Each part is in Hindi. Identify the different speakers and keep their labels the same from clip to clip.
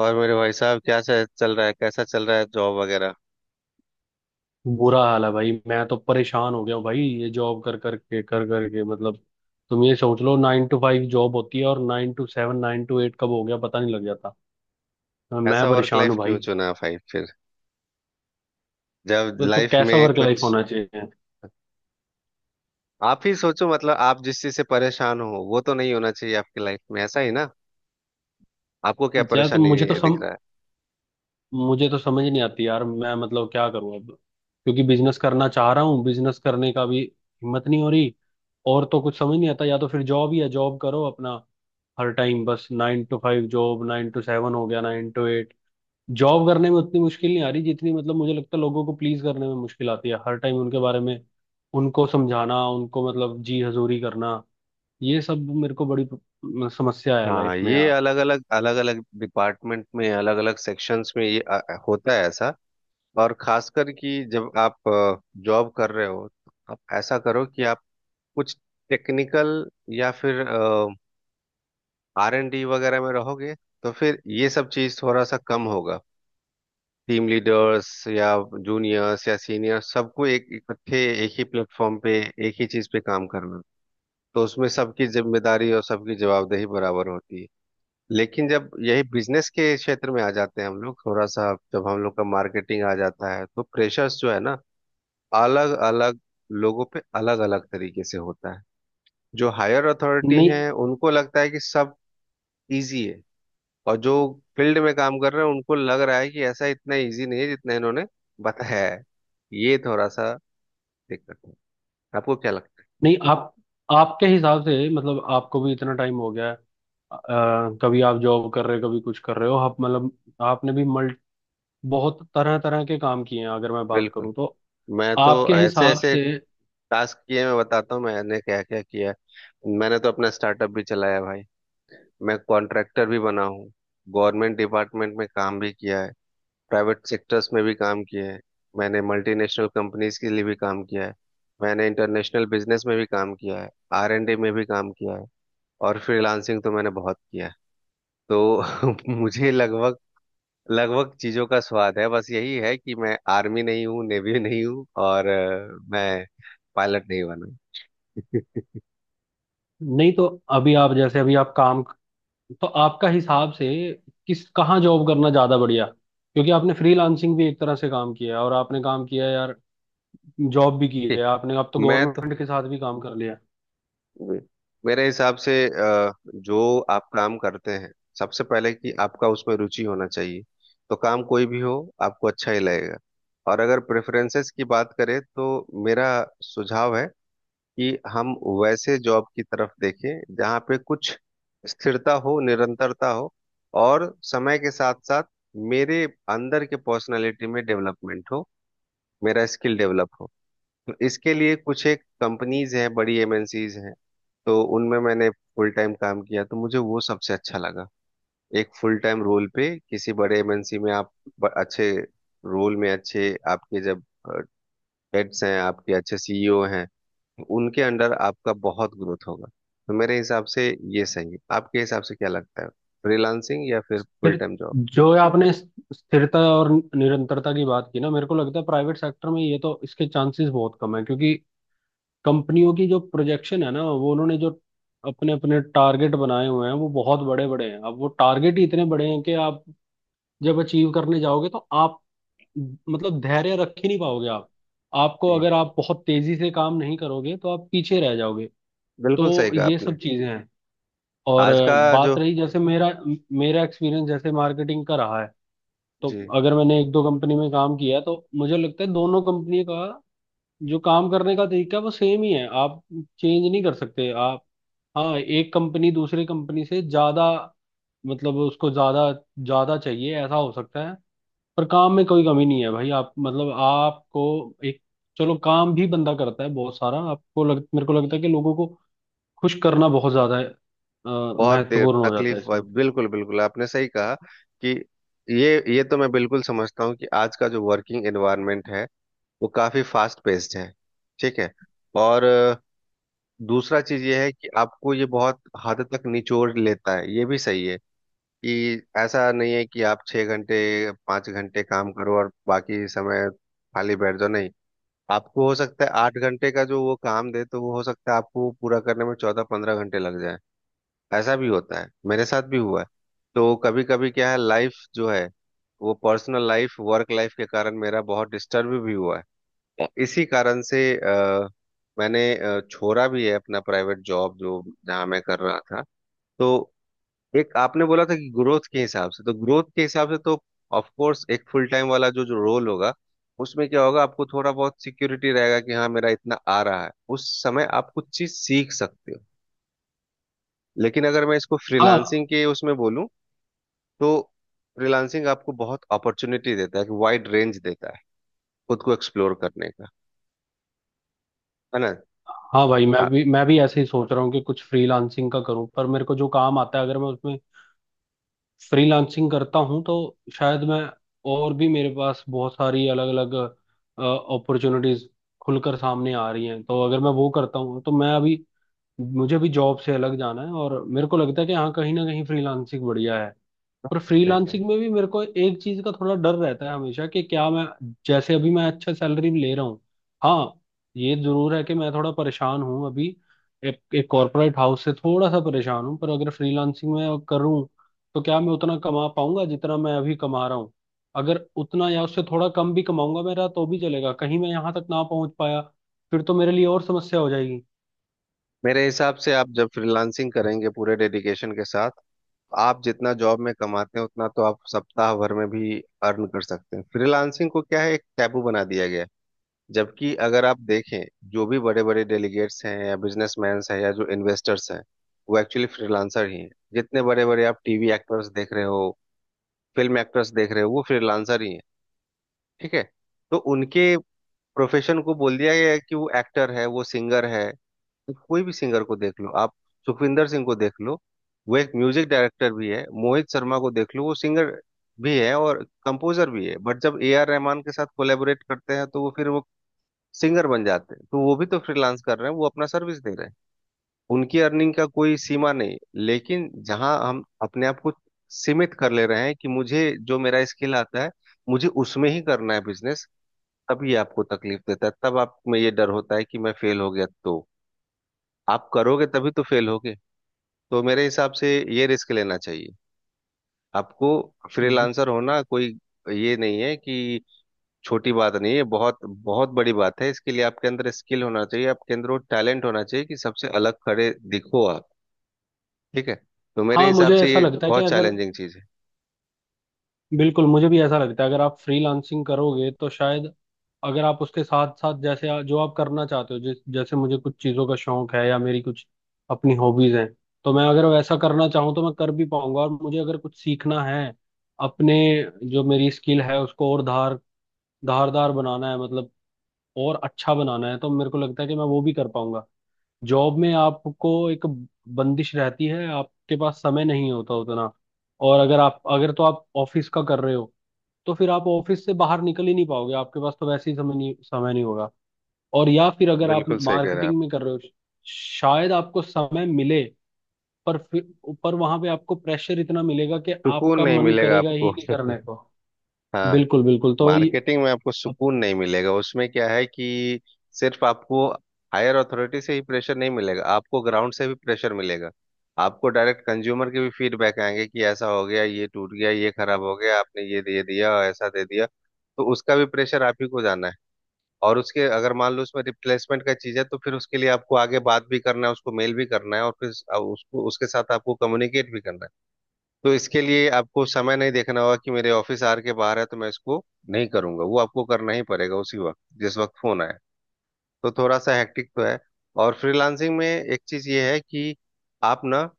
Speaker 1: और मेरे भाई साहब क्या से- चल रहा है कैसा चल रहा है जॉब वगैरह।
Speaker 2: बुरा हाल है भाई। मैं तो परेशान हो गया हूँ भाई। ये जॉब कर कर के मतलब, तुम ये सोच लो नाइन टू फाइव जॉब होती है और nine to seven nine to eight कब हो गया पता नहीं लग जाता। हाँ, मैं
Speaker 1: ऐसा वर्क
Speaker 2: परेशान
Speaker 1: लाइफ
Speaker 2: हूँ
Speaker 1: क्यों
Speaker 2: भाई।
Speaker 1: चुना भाई फिर, जब
Speaker 2: तो
Speaker 1: लाइफ
Speaker 2: कैसा
Speaker 1: में
Speaker 2: वर्क लाइफ
Speaker 1: कुछ।
Speaker 2: होना चाहिए।
Speaker 1: आप ही सोचो, मतलब आप जिस चीज से परेशान हो वो तो नहीं होना चाहिए आपकी लाइफ में, ऐसा ही ना। आपको क्या
Speaker 2: यार
Speaker 1: परेशानी दिख रहा है।
Speaker 2: मुझे तो समझ नहीं आती यार। मैं मतलब क्या करूँ अब, क्योंकि बिजनेस करना चाह रहा हूँ, बिजनेस करने का भी हिम्मत नहीं हो रही। और तो कुछ समझ नहीं आता, या तो फिर जॉब ही है, जॉब करो अपना। हर टाइम बस nine to five job nine to seven हो गया नाइन टू एट। जॉब करने में उतनी मुश्किल नहीं आ रही जितनी, मतलब, मुझे लगता है लोगों को प्लीज करने में मुश्किल आती है, हर टाइम उनके बारे में, उनको समझाना, उनको मतलब जी हजूरी करना। ये सब मेरे को बड़ी समस्या है
Speaker 1: हाँ,
Speaker 2: लाइफ में
Speaker 1: ये
Speaker 2: यार।
Speaker 1: अलग अलग डिपार्टमेंट में, अलग अलग सेक्शंस में ये होता है ऐसा। और खासकर कि जब आप जॉब कर रहे हो तो आप ऐसा करो कि आप कुछ टेक्निकल या फिर आर एन डी वगैरह में रहोगे तो फिर ये सब चीज थोड़ा सा कम होगा। टीम लीडर्स या जूनियर्स या सीनियर्स सबको एक इकट्ठे एक ही प्लेटफॉर्म पे एक ही चीज पे काम करना, तो उसमें सबकी जिम्मेदारी और सबकी जवाबदेही बराबर होती है। लेकिन जब यही बिजनेस के क्षेत्र में आ जाते हैं हम लोग, थोड़ा सा जब हम लोग का मार्केटिंग आ जाता है तो प्रेशर्स जो है ना, अलग अलग लोगों पे अलग अलग तरीके से होता है। जो हायर अथॉरिटी
Speaker 2: नहीं।
Speaker 1: हैं उनको लगता है कि सब इजी है, और जो फील्ड में काम कर रहे हैं उनको लग रहा है कि ऐसा इतना इजी नहीं है जितना इन्होंने बताया है। ये थोड़ा सा दिक्कत है। आपको क्या लगता है?
Speaker 2: नहीं। आप आपके हिसाब से मतलब आपको भी इतना टाइम हो गया है। कभी आप जॉब कर रहे हो कभी कुछ कर रहे हो आप मतलब आपने भी मल्ट बहुत तरह तरह के काम किए हैं अगर मैं बात
Speaker 1: बिल्कुल,
Speaker 2: करूं तो
Speaker 1: मैं तो
Speaker 2: आपके
Speaker 1: ऐसे
Speaker 2: हिसाब
Speaker 1: ऐसे
Speaker 2: से।
Speaker 1: टास्क किए, मैं बताता हूँ मैंने क्या क्या किया है। मैंने तो अपना स्टार्टअप भी चलाया है भाई। मैं कॉन्ट्रैक्टर भी बना हूँ। गवर्नमेंट डिपार्टमेंट में काम भी किया है। प्राइवेट सेक्टर्स में भी काम किया है। मैंने मल्टीनेशनल कंपनीज के लिए भी काम किया है। मैंने इंटरनेशनल बिजनेस में भी काम किया है। आर एंड डी में भी काम किया है। और फ्रीलांसिंग तो मैंने बहुत किया है। तो मुझे लगभग लगभग चीजों का स्वाद है, बस यही है कि मैं आर्मी नहीं हूँ, नेवी नहीं हूँ, और मैं पायलट नहीं बना।
Speaker 2: नहीं तो, अभी आप जैसे अभी आप काम, तो आपका हिसाब से किस, कहाँ जॉब करना ज्यादा बढ़िया, क्योंकि आपने फ्रीलांसिंग भी एक तरह से काम किया है और आपने काम किया है यार, जॉब भी की है आपने, अब तो
Speaker 1: मैं तो,
Speaker 2: गवर्नमेंट के साथ भी काम कर लिया।
Speaker 1: मेरे हिसाब से जो आप काम करते हैं, सबसे पहले कि आपका उसमें रुचि होना चाहिए, तो काम कोई भी हो आपको अच्छा ही लगेगा। और अगर प्रेफरेंसेस की बात करें तो मेरा सुझाव है कि हम वैसे जॉब की तरफ देखें जहाँ पे कुछ स्थिरता हो, निरंतरता हो, और समय के साथ साथ मेरे अंदर के पर्सनालिटी में डेवलपमेंट हो, मेरा स्किल डेवलप हो। तो इसके लिए कुछ एक कंपनीज हैं, बड़ी एमएनसीज हैं, तो उनमें मैंने फुल टाइम काम किया तो मुझे वो सबसे अच्छा लगा। एक फुल टाइम रोल पे किसी बड़े एमएनसी में आप अच्छे रोल में, अच्छे आपके जब हेड्स हैं, आपके अच्छे सीईओ हैं, उनके अंडर आपका बहुत ग्रोथ होगा। तो मेरे हिसाब से ये सही है। आपके हिसाब से क्या लगता है, फ्रीलांसिंग या फिर फुल
Speaker 2: फिर,
Speaker 1: टाइम जॉब?
Speaker 2: जो आपने स्थिरता और निरंतरता की बात की ना, मेरे को लगता है प्राइवेट सेक्टर में ये, तो इसके चांसेस बहुत कम है, क्योंकि कंपनियों की जो प्रोजेक्शन है ना, वो उन्होंने जो अपने अपने टारगेट बनाए हुए हैं वो बहुत बड़े बड़े हैं। अब वो टारगेट ही इतने बड़े हैं कि आप जब अचीव करने जाओगे तो आप मतलब धैर्य रख ही नहीं पाओगे। आप, आपको
Speaker 1: जी,
Speaker 2: अगर आप बहुत तेजी से काम नहीं करोगे तो आप पीछे रह जाओगे।
Speaker 1: बिल्कुल सही
Speaker 2: तो
Speaker 1: कहा
Speaker 2: ये
Speaker 1: आपने।
Speaker 2: सब चीजें हैं। और
Speaker 1: आज का
Speaker 2: बात
Speaker 1: जो।
Speaker 2: रही जैसे मेरा मेरा एक्सपीरियंस जैसे मार्केटिंग का रहा है, तो
Speaker 1: जी,
Speaker 2: अगर मैंने एक दो कंपनी में काम किया है, तो मुझे लगता है दोनों कंपनी का जो काम करने का तरीका है वो सेम ही है। आप चेंज नहीं कर सकते। आप, हाँ, एक कंपनी दूसरी कंपनी से ज्यादा, मतलब, उसको ज्यादा ज्यादा चाहिए, ऐसा हो सकता है। पर काम में कोई कमी नहीं है भाई। आप मतलब आपको एक, चलो, काम भी बंदा करता है बहुत सारा, आपको लग, मेरे को लगता है कि लोगों को खुश करना बहुत ज्यादा
Speaker 1: बहुत देर
Speaker 2: महत्वपूर्ण हो जाता है
Speaker 1: तकलीफ हुआ,
Speaker 2: इसमें।
Speaker 1: बिल्कुल बिल्कुल आपने सही कहा कि ये तो मैं बिल्कुल समझता हूँ कि आज का जो वर्किंग एनवायरनमेंट है वो काफी फास्ट पेस्ड है। ठीक है, और दूसरा चीज ये है कि आपको ये बहुत हद तक निचोड़ लेता है, ये भी सही है। कि ऐसा नहीं है कि आप 6 घंटे, 5 घंटे काम करो और बाकी समय खाली बैठ जाओ, नहीं। आपको हो सकता है 8 घंटे का जो वो काम दे तो वो, हो सकता है आपको वो पूरा करने में 14-15 घंटे लग जाए। ऐसा भी होता है, मेरे साथ भी हुआ है। तो कभी कभी क्या है, लाइफ जो है वो पर्सनल लाइफ, वर्क लाइफ के कारण मेरा बहुत डिस्टर्ब भी हुआ है। और इसी कारण से मैंने छोड़ा भी है अपना प्राइवेट जॉब जो जहाँ मैं कर रहा था। तो एक आपने बोला था कि ग्रोथ के हिसाब से, तो ग्रोथ के हिसाब से तो ऑफ कोर्स एक फुल टाइम वाला जो जो रोल होगा उसमें क्या होगा, आपको थोड़ा बहुत सिक्योरिटी रहेगा कि हाँ मेरा इतना आ रहा है, उस समय आप कुछ चीज सीख सकते हो। लेकिन अगर मैं इसको
Speaker 2: हाँ।
Speaker 1: फ्रीलांसिंग के उसमें बोलूँ तो फ्रीलांसिंग आपको बहुत अपॉर्चुनिटी देता है, कि वाइड रेंज देता है खुद को एक्सप्लोर करने का, है ना।
Speaker 2: हाँ भाई मैं
Speaker 1: आप
Speaker 2: भी मैं भी ऐसे ही सोच रहा हूँ कि कुछ फ्रीलांसिंग का करूँ, पर मेरे को जो काम आता है अगर मैं उसमें फ्रीलांसिंग करता हूँ तो शायद मैं, और भी मेरे पास बहुत सारी अलग अलग अपॉर्चुनिटीज खुलकर सामने आ रही हैं, तो अगर मैं वो करता हूँ तो मैं अभी, मुझे भी जॉब से अलग जाना है और मेरे को लगता है कि हाँ कहीं ना कहीं फ्रीलांसिंग बढ़िया है। पर
Speaker 1: देखा,
Speaker 2: फ्रीलांसिंग में भी मेरे को एक चीज का थोड़ा डर रहता है हमेशा कि क्या मैं, जैसे अभी मैं अच्छा सैलरी ले रहा हूँ। हाँ, ये जरूर है कि मैं थोड़ा परेशान हूँ अभी, एक एक कॉर्पोरेट हाउस से थोड़ा सा परेशान हूँ, पर अगर फ्रीलांसिंग में करूँ तो क्या मैं उतना कमा पाऊंगा जितना मैं अभी कमा रहा हूँ। अगर उतना या उससे थोड़ा कम भी कमाऊंगा मेरा तो भी चलेगा। कहीं मैं यहाँ तक ना पहुंच पाया फिर तो मेरे लिए और समस्या हो जाएगी।
Speaker 1: मेरे हिसाब से आप जब फ्रीलांसिंग करेंगे पूरे डेडिकेशन के साथ, आप जितना जॉब में कमाते हैं उतना तो आप सप्ताह भर में भी अर्न कर सकते हैं। फ्रीलांसिंग को क्या है एक टैबू बना दिया गया है। जबकि अगर आप देखें, जो भी बड़े बड़े डेलीगेट्स हैं या बिजनेसमैन हैं या जो इन्वेस्टर्स हैं, वो एक्चुअली फ्रीलांसर ही हैं। जितने बड़े बड़े आप टीवी एक्टर्स देख रहे हो, फिल्म एक्टर्स देख रहे हो, वो फ्रीलांसर ही हैं। ठीक है, तो उनके प्रोफेशन को बोल दिया गया है कि वो एक्टर है, वो सिंगर है। कोई भी सिंगर को देख लो आप, सुखविंदर सिंह को देख लो, वो एक म्यूजिक डायरेक्टर भी है। मोहित शर्मा को देख लो, वो सिंगर भी है और कंपोजर भी है, बट जब ए आर रहमान के साथ कोलेबोरेट करते हैं तो वो, फिर वो सिंगर बन जाते हैं। तो वो भी तो फ्रीलांस कर रहे हैं, वो अपना सर्विस दे रहे हैं। उनकी अर्निंग का कोई सीमा नहीं। लेकिन जहां हम अपने आप को सीमित कर ले रहे हैं कि मुझे जो मेरा स्किल आता है मुझे उसमें ही करना है बिजनेस, तभी आपको तकलीफ देता है, तब आप में ये डर होता है कि मैं फेल हो गया तो। आप करोगे तभी तो फेल होगे। तो मेरे हिसाब से ये रिस्क लेना चाहिए आपको। फ्रीलांसर होना कोई, ये नहीं है कि छोटी बात नहीं है, बहुत बहुत बड़ी बात है। इसके लिए आपके अंदर स्किल होना चाहिए, आपके अंदर वो टैलेंट होना चाहिए कि सबसे अलग खड़े दिखो आप। ठीक है, तो मेरे
Speaker 2: हाँ
Speaker 1: हिसाब
Speaker 2: मुझे
Speaker 1: से
Speaker 2: ऐसा
Speaker 1: ये
Speaker 2: लगता है कि
Speaker 1: बहुत
Speaker 2: अगर,
Speaker 1: चैलेंजिंग चीज है।
Speaker 2: बिल्कुल मुझे भी ऐसा लगता है, अगर आप फ्रीलांसिंग करोगे तो शायद, अगर आप उसके साथ साथ, जैसे जो आप करना चाहते हो, जिस, जैसे मुझे कुछ चीज़ों का शौक है या मेरी कुछ अपनी हॉबीज हैं, तो मैं अगर वैसा करना चाहूँ तो मैं कर भी पाऊंगा। और मुझे अगर कुछ सीखना है अपने जो मेरी स्किल है उसको और धारदार बनाना है, मतलब और अच्छा बनाना है, तो मेरे को लगता है कि मैं वो भी कर पाऊंगा। जॉब में आपको एक बंदिश रहती है, आपके पास समय नहीं होता उतना। और अगर आप, अगर तो आप ऑफिस का कर रहे हो तो फिर आप ऑफिस से बाहर निकल ही नहीं पाओगे, आपके पास तो वैसे ही समय नहीं होगा। और या फिर अगर आप
Speaker 1: बिल्कुल सही कह रहे हैं आप।
Speaker 2: मार्केटिंग में कर रहे हो शायद आपको समय मिले, पर फिर, पर वहां पे आपको प्रेशर इतना मिलेगा कि
Speaker 1: सुकून
Speaker 2: आपका
Speaker 1: नहीं
Speaker 2: मन
Speaker 1: मिलेगा
Speaker 2: करेगा ही
Speaker 1: आपको।
Speaker 2: नहीं करने को।
Speaker 1: हाँ।
Speaker 2: बिल्कुल बिल्कुल,
Speaker 1: मार्केटिंग में आपको सुकून नहीं मिलेगा, उसमें क्या है कि सिर्फ आपको हायर अथॉरिटी से ही प्रेशर नहीं मिलेगा, आपको ग्राउंड से भी प्रेशर मिलेगा। आपको डायरेक्ट कंज्यूमर के भी फीडबैक आएंगे कि ऐसा हो गया, ये टूट गया, ये खराब हो गया, आपने ये दे दिया, ऐसा दे दिया। तो उसका भी प्रेशर आप ही को जाना है। और उसके, अगर मान लो उसमें रिप्लेसमेंट का चीज है तो फिर उसके लिए आपको आगे बात भी करना है, उसको मेल भी करना है, और फिर उसको, उसके साथ आपको कम्युनिकेट भी करना है। तो इसके लिए आपको समय नहीं देखना होगा कि मेरे ऑफिस आर के बाहर है तो मैं इसको नहीं करूंगा, वो आपको करना ही पड़ेगा उसी वक्त जिस वक्त फोन आए। तो थोड़ा सा हेक्टिक तो है। और फ्रीलांसिंग में एक चीज ये है कि आप ना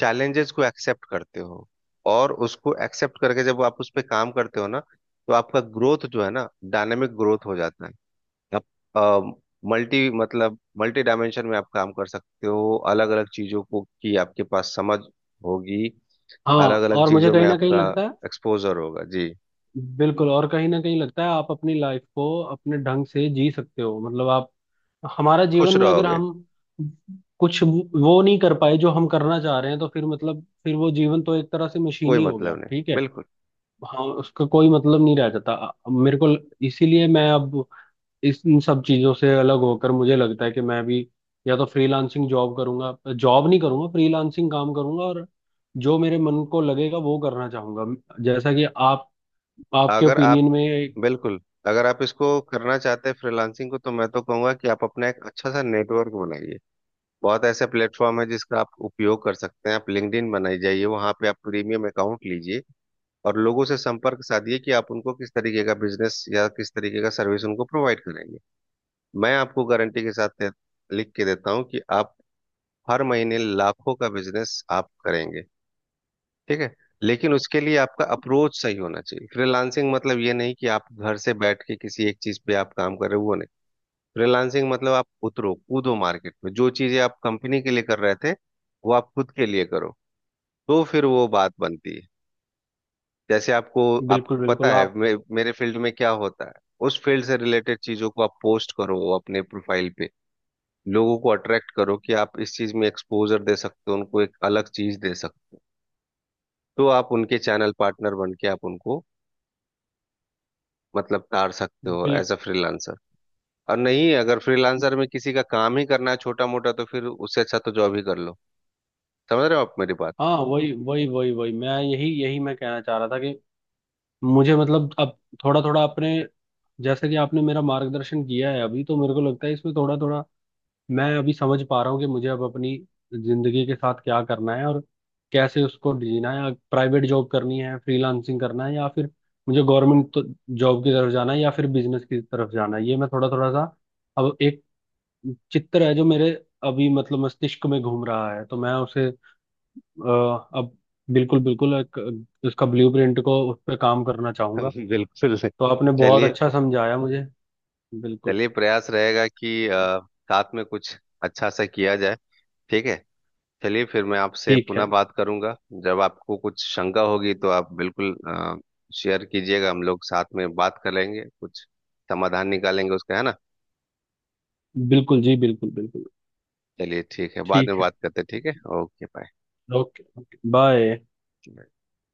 Speaker 1: चैलेंजेस को एक्सेप्ट करते हो, और उसको एक्सेप्ट करके जब आप उस पर काम करते हो ना तो आपका ग्रोथ जो है ना, डायनेमिक ग्रोथ हो जाता है। आप मल्टी डायमेंशन में आप काम कर सकते हो, अलग अलग चीजों को की आपके पास समझ होगी, अलग
Speaker 2: हाँ,
Speaker 1: अलग
Speaker 2: और मुझे
Speaker 1: चीजों में
Speaker 2: कहीं ना कहीं
Speaker 1: आपका
Speaker 2: लगता है,
Speaker 1: एक्सपोजर होगा। जी,
Speaker 2: बिल्कुल, और कहीं ना कहीं लगता है आप अपनी लाइफ को अपने ढंग से जी सकते हो। मतलब आप, हमारा जीवन
Speaker 1: खुश
Speaker 2: में अगर
Speaker 1: रहोगे।
Speaker 2: हम कुछ वो नहीं कर पाए जो हम करना चाह रहे हैं, तो फिर मतलब फिर वो जीवन तो एक तरह से
Speaker 1: कोई
Speaker 2: मशीनी हो
Speaker 1: मतलब
Speaker 2: गया।
Speaker 1: नहीं,
Speaker 2: ठीक है।
Speaker 1: बिल्कुल।
Speaker 2: हाँ, उसका कोई मतलब नहीं रह जाता। मेरे को इसीलिए मैं अब, इस, इन सब चीजों से अलग होकर, मुझे लगता है कि मैं भी या तो फ्रीलांसिंग जॉब करूंगा, जॉब नहीं करूंगा फ्रीलांसिंग काम करूंगा, और जो मेरे मन को लगेगा वो करना चाहूंगा। जैसा कि आप, आपके
Speaker 1: अगर
Speaker 2: ओपिनियन
Speaker 1: आप
Speaker 2: में।
Speaker 1: बिल्कुल, अगर आप इसको करना चाहते हैं फ्रीलांसिंग को, तो मैं तो कहूंगा कि आप अपना एक अच्छा सा नेटवर्क बनाइए। बहुत ऐसे प्लेटफॉर्म है जिसका आप उपयोग कर सकते हैं, आप लिंक्डइन बनाई जाइए, वहां पे आप प्रीमियम अकाउंट लीजिए और लोगों से संपर्क साधिए कि आप उनको किस तरीके का बिजनेस या किस तरीके का सर्विस उनको प्रोवाइड करेंगे। मैं आपको गारंटी के साथ लिख के देता हूँ कि आप हर महीने लाखों का बिजनेस आप करेंगे। ठीक है, लेकिन उसके लिए आपका अप्रोच सही होना चाहिए। फ्रीलांसिंग मतलब ये नहीं कि आप घर से बैठ के किसी एक चीज पे आप काम कर रहे हो, वो नहीं। फ्रीलांसिंग मतलब आप उतरो कूदो मार्केट में, जो चीजें आप कंपनी के लिए कर रहे थे वो आप खुद के लिए करो, तो फिर वो बात बनती है। जैसे आपको आप
Speaker 2: बिल्कुल बिल्कुल
Speaker 1: पता है
Speaker 2: आप,
Speaker 1: मेरे फील्ड में क्या होता है। उस फील्ड से रिलेटेड चीजों को आप पोस्ट करो अपने प्रोफाइल पे, लोगों को अट्रैक्ट करो कि आप इस चीज में एक्सपोजर दे सकते हो, उनको एक अलग चीज दे सकते हो। तो आप उनके चैनल पार्टनर बन के आप उनको, मतलब तार सकते हो
Speaker 2: बिल
Speaker 1: एज अ फ्रीलांसर। और नहीं, अगर फ्रीलांसर में किसी का काम ही करना है छोटा मोटा तो फिर उससे अच्छा तो जॉब ही कर लो। समझ रहे हो आप मेरी बात?
Speaker 2: हाँ, वही वही वही वही, मैं यही यही मैं कहना चाह रहा था कि मुझे, मतलब, अब थोड़ा थोड़ा अपने, जैसे कि आपने मेरा मार्गदर्शन किया है अभी, तो मेरे को लगता है इसमें थोड़ा थोड़ा मैं अभी समझ पा रहा हूँ कि मुझे अब अपनी जिंदगी के साथ क्या करना है और कैसे उसको जीना है। प्राइवेट जॉब करनी है, फ्रीलांसिंग करना है या फिर मुझे गवर्नमेंट तो जॉब की तरफ जाना है या फिर बिजनेस की तरफ जाना है, ये मैं थोड़ा थोड़ा सा अब, एक चित्र है जो मेरे अभी, मतलब, मस्तिष्क में घूम रहा है, तो मैं उसे अब, बिल्कुल बिल्कुल एक, उसका ब्लूप्रिंट को, उस पर काम करना चाहूंगा।
Speaker 1: बिल्कुल।
Speaker 2: तो आपने बहुत
Speaker 1: चलिए,
Speaker 2: अच्छा समझाया मुझे। बिल्कुल।
Speaker 1: चलिए प्रयास रहेगा कि साथ में कुछ अच्छा सा किया जाए। ठीक है, चलिए फिर मैं आपसे
Speaker 2: ठीक
Speaker 1: पुनः
Speaker 2: है।
Speaker 1: बात करूंगा। जब आपको कुछ शंका होगी तो आप बिल्कुल शेयर कीजिएगा, हम लोग साथ में बात कर लेंगे, कुछ समाधान निकालेंगे उसका, है ना।
Speaker 2: बिल्कुल जी, बिल्कुल बिल्कुल।
Speaker 1: चलिए ठीक है, बाद में
Speaker 2: ठीक है।
Speaker 1: बात करते हैं। ठीक है, ओके बाय।
Speaker 2: ओके। बाय।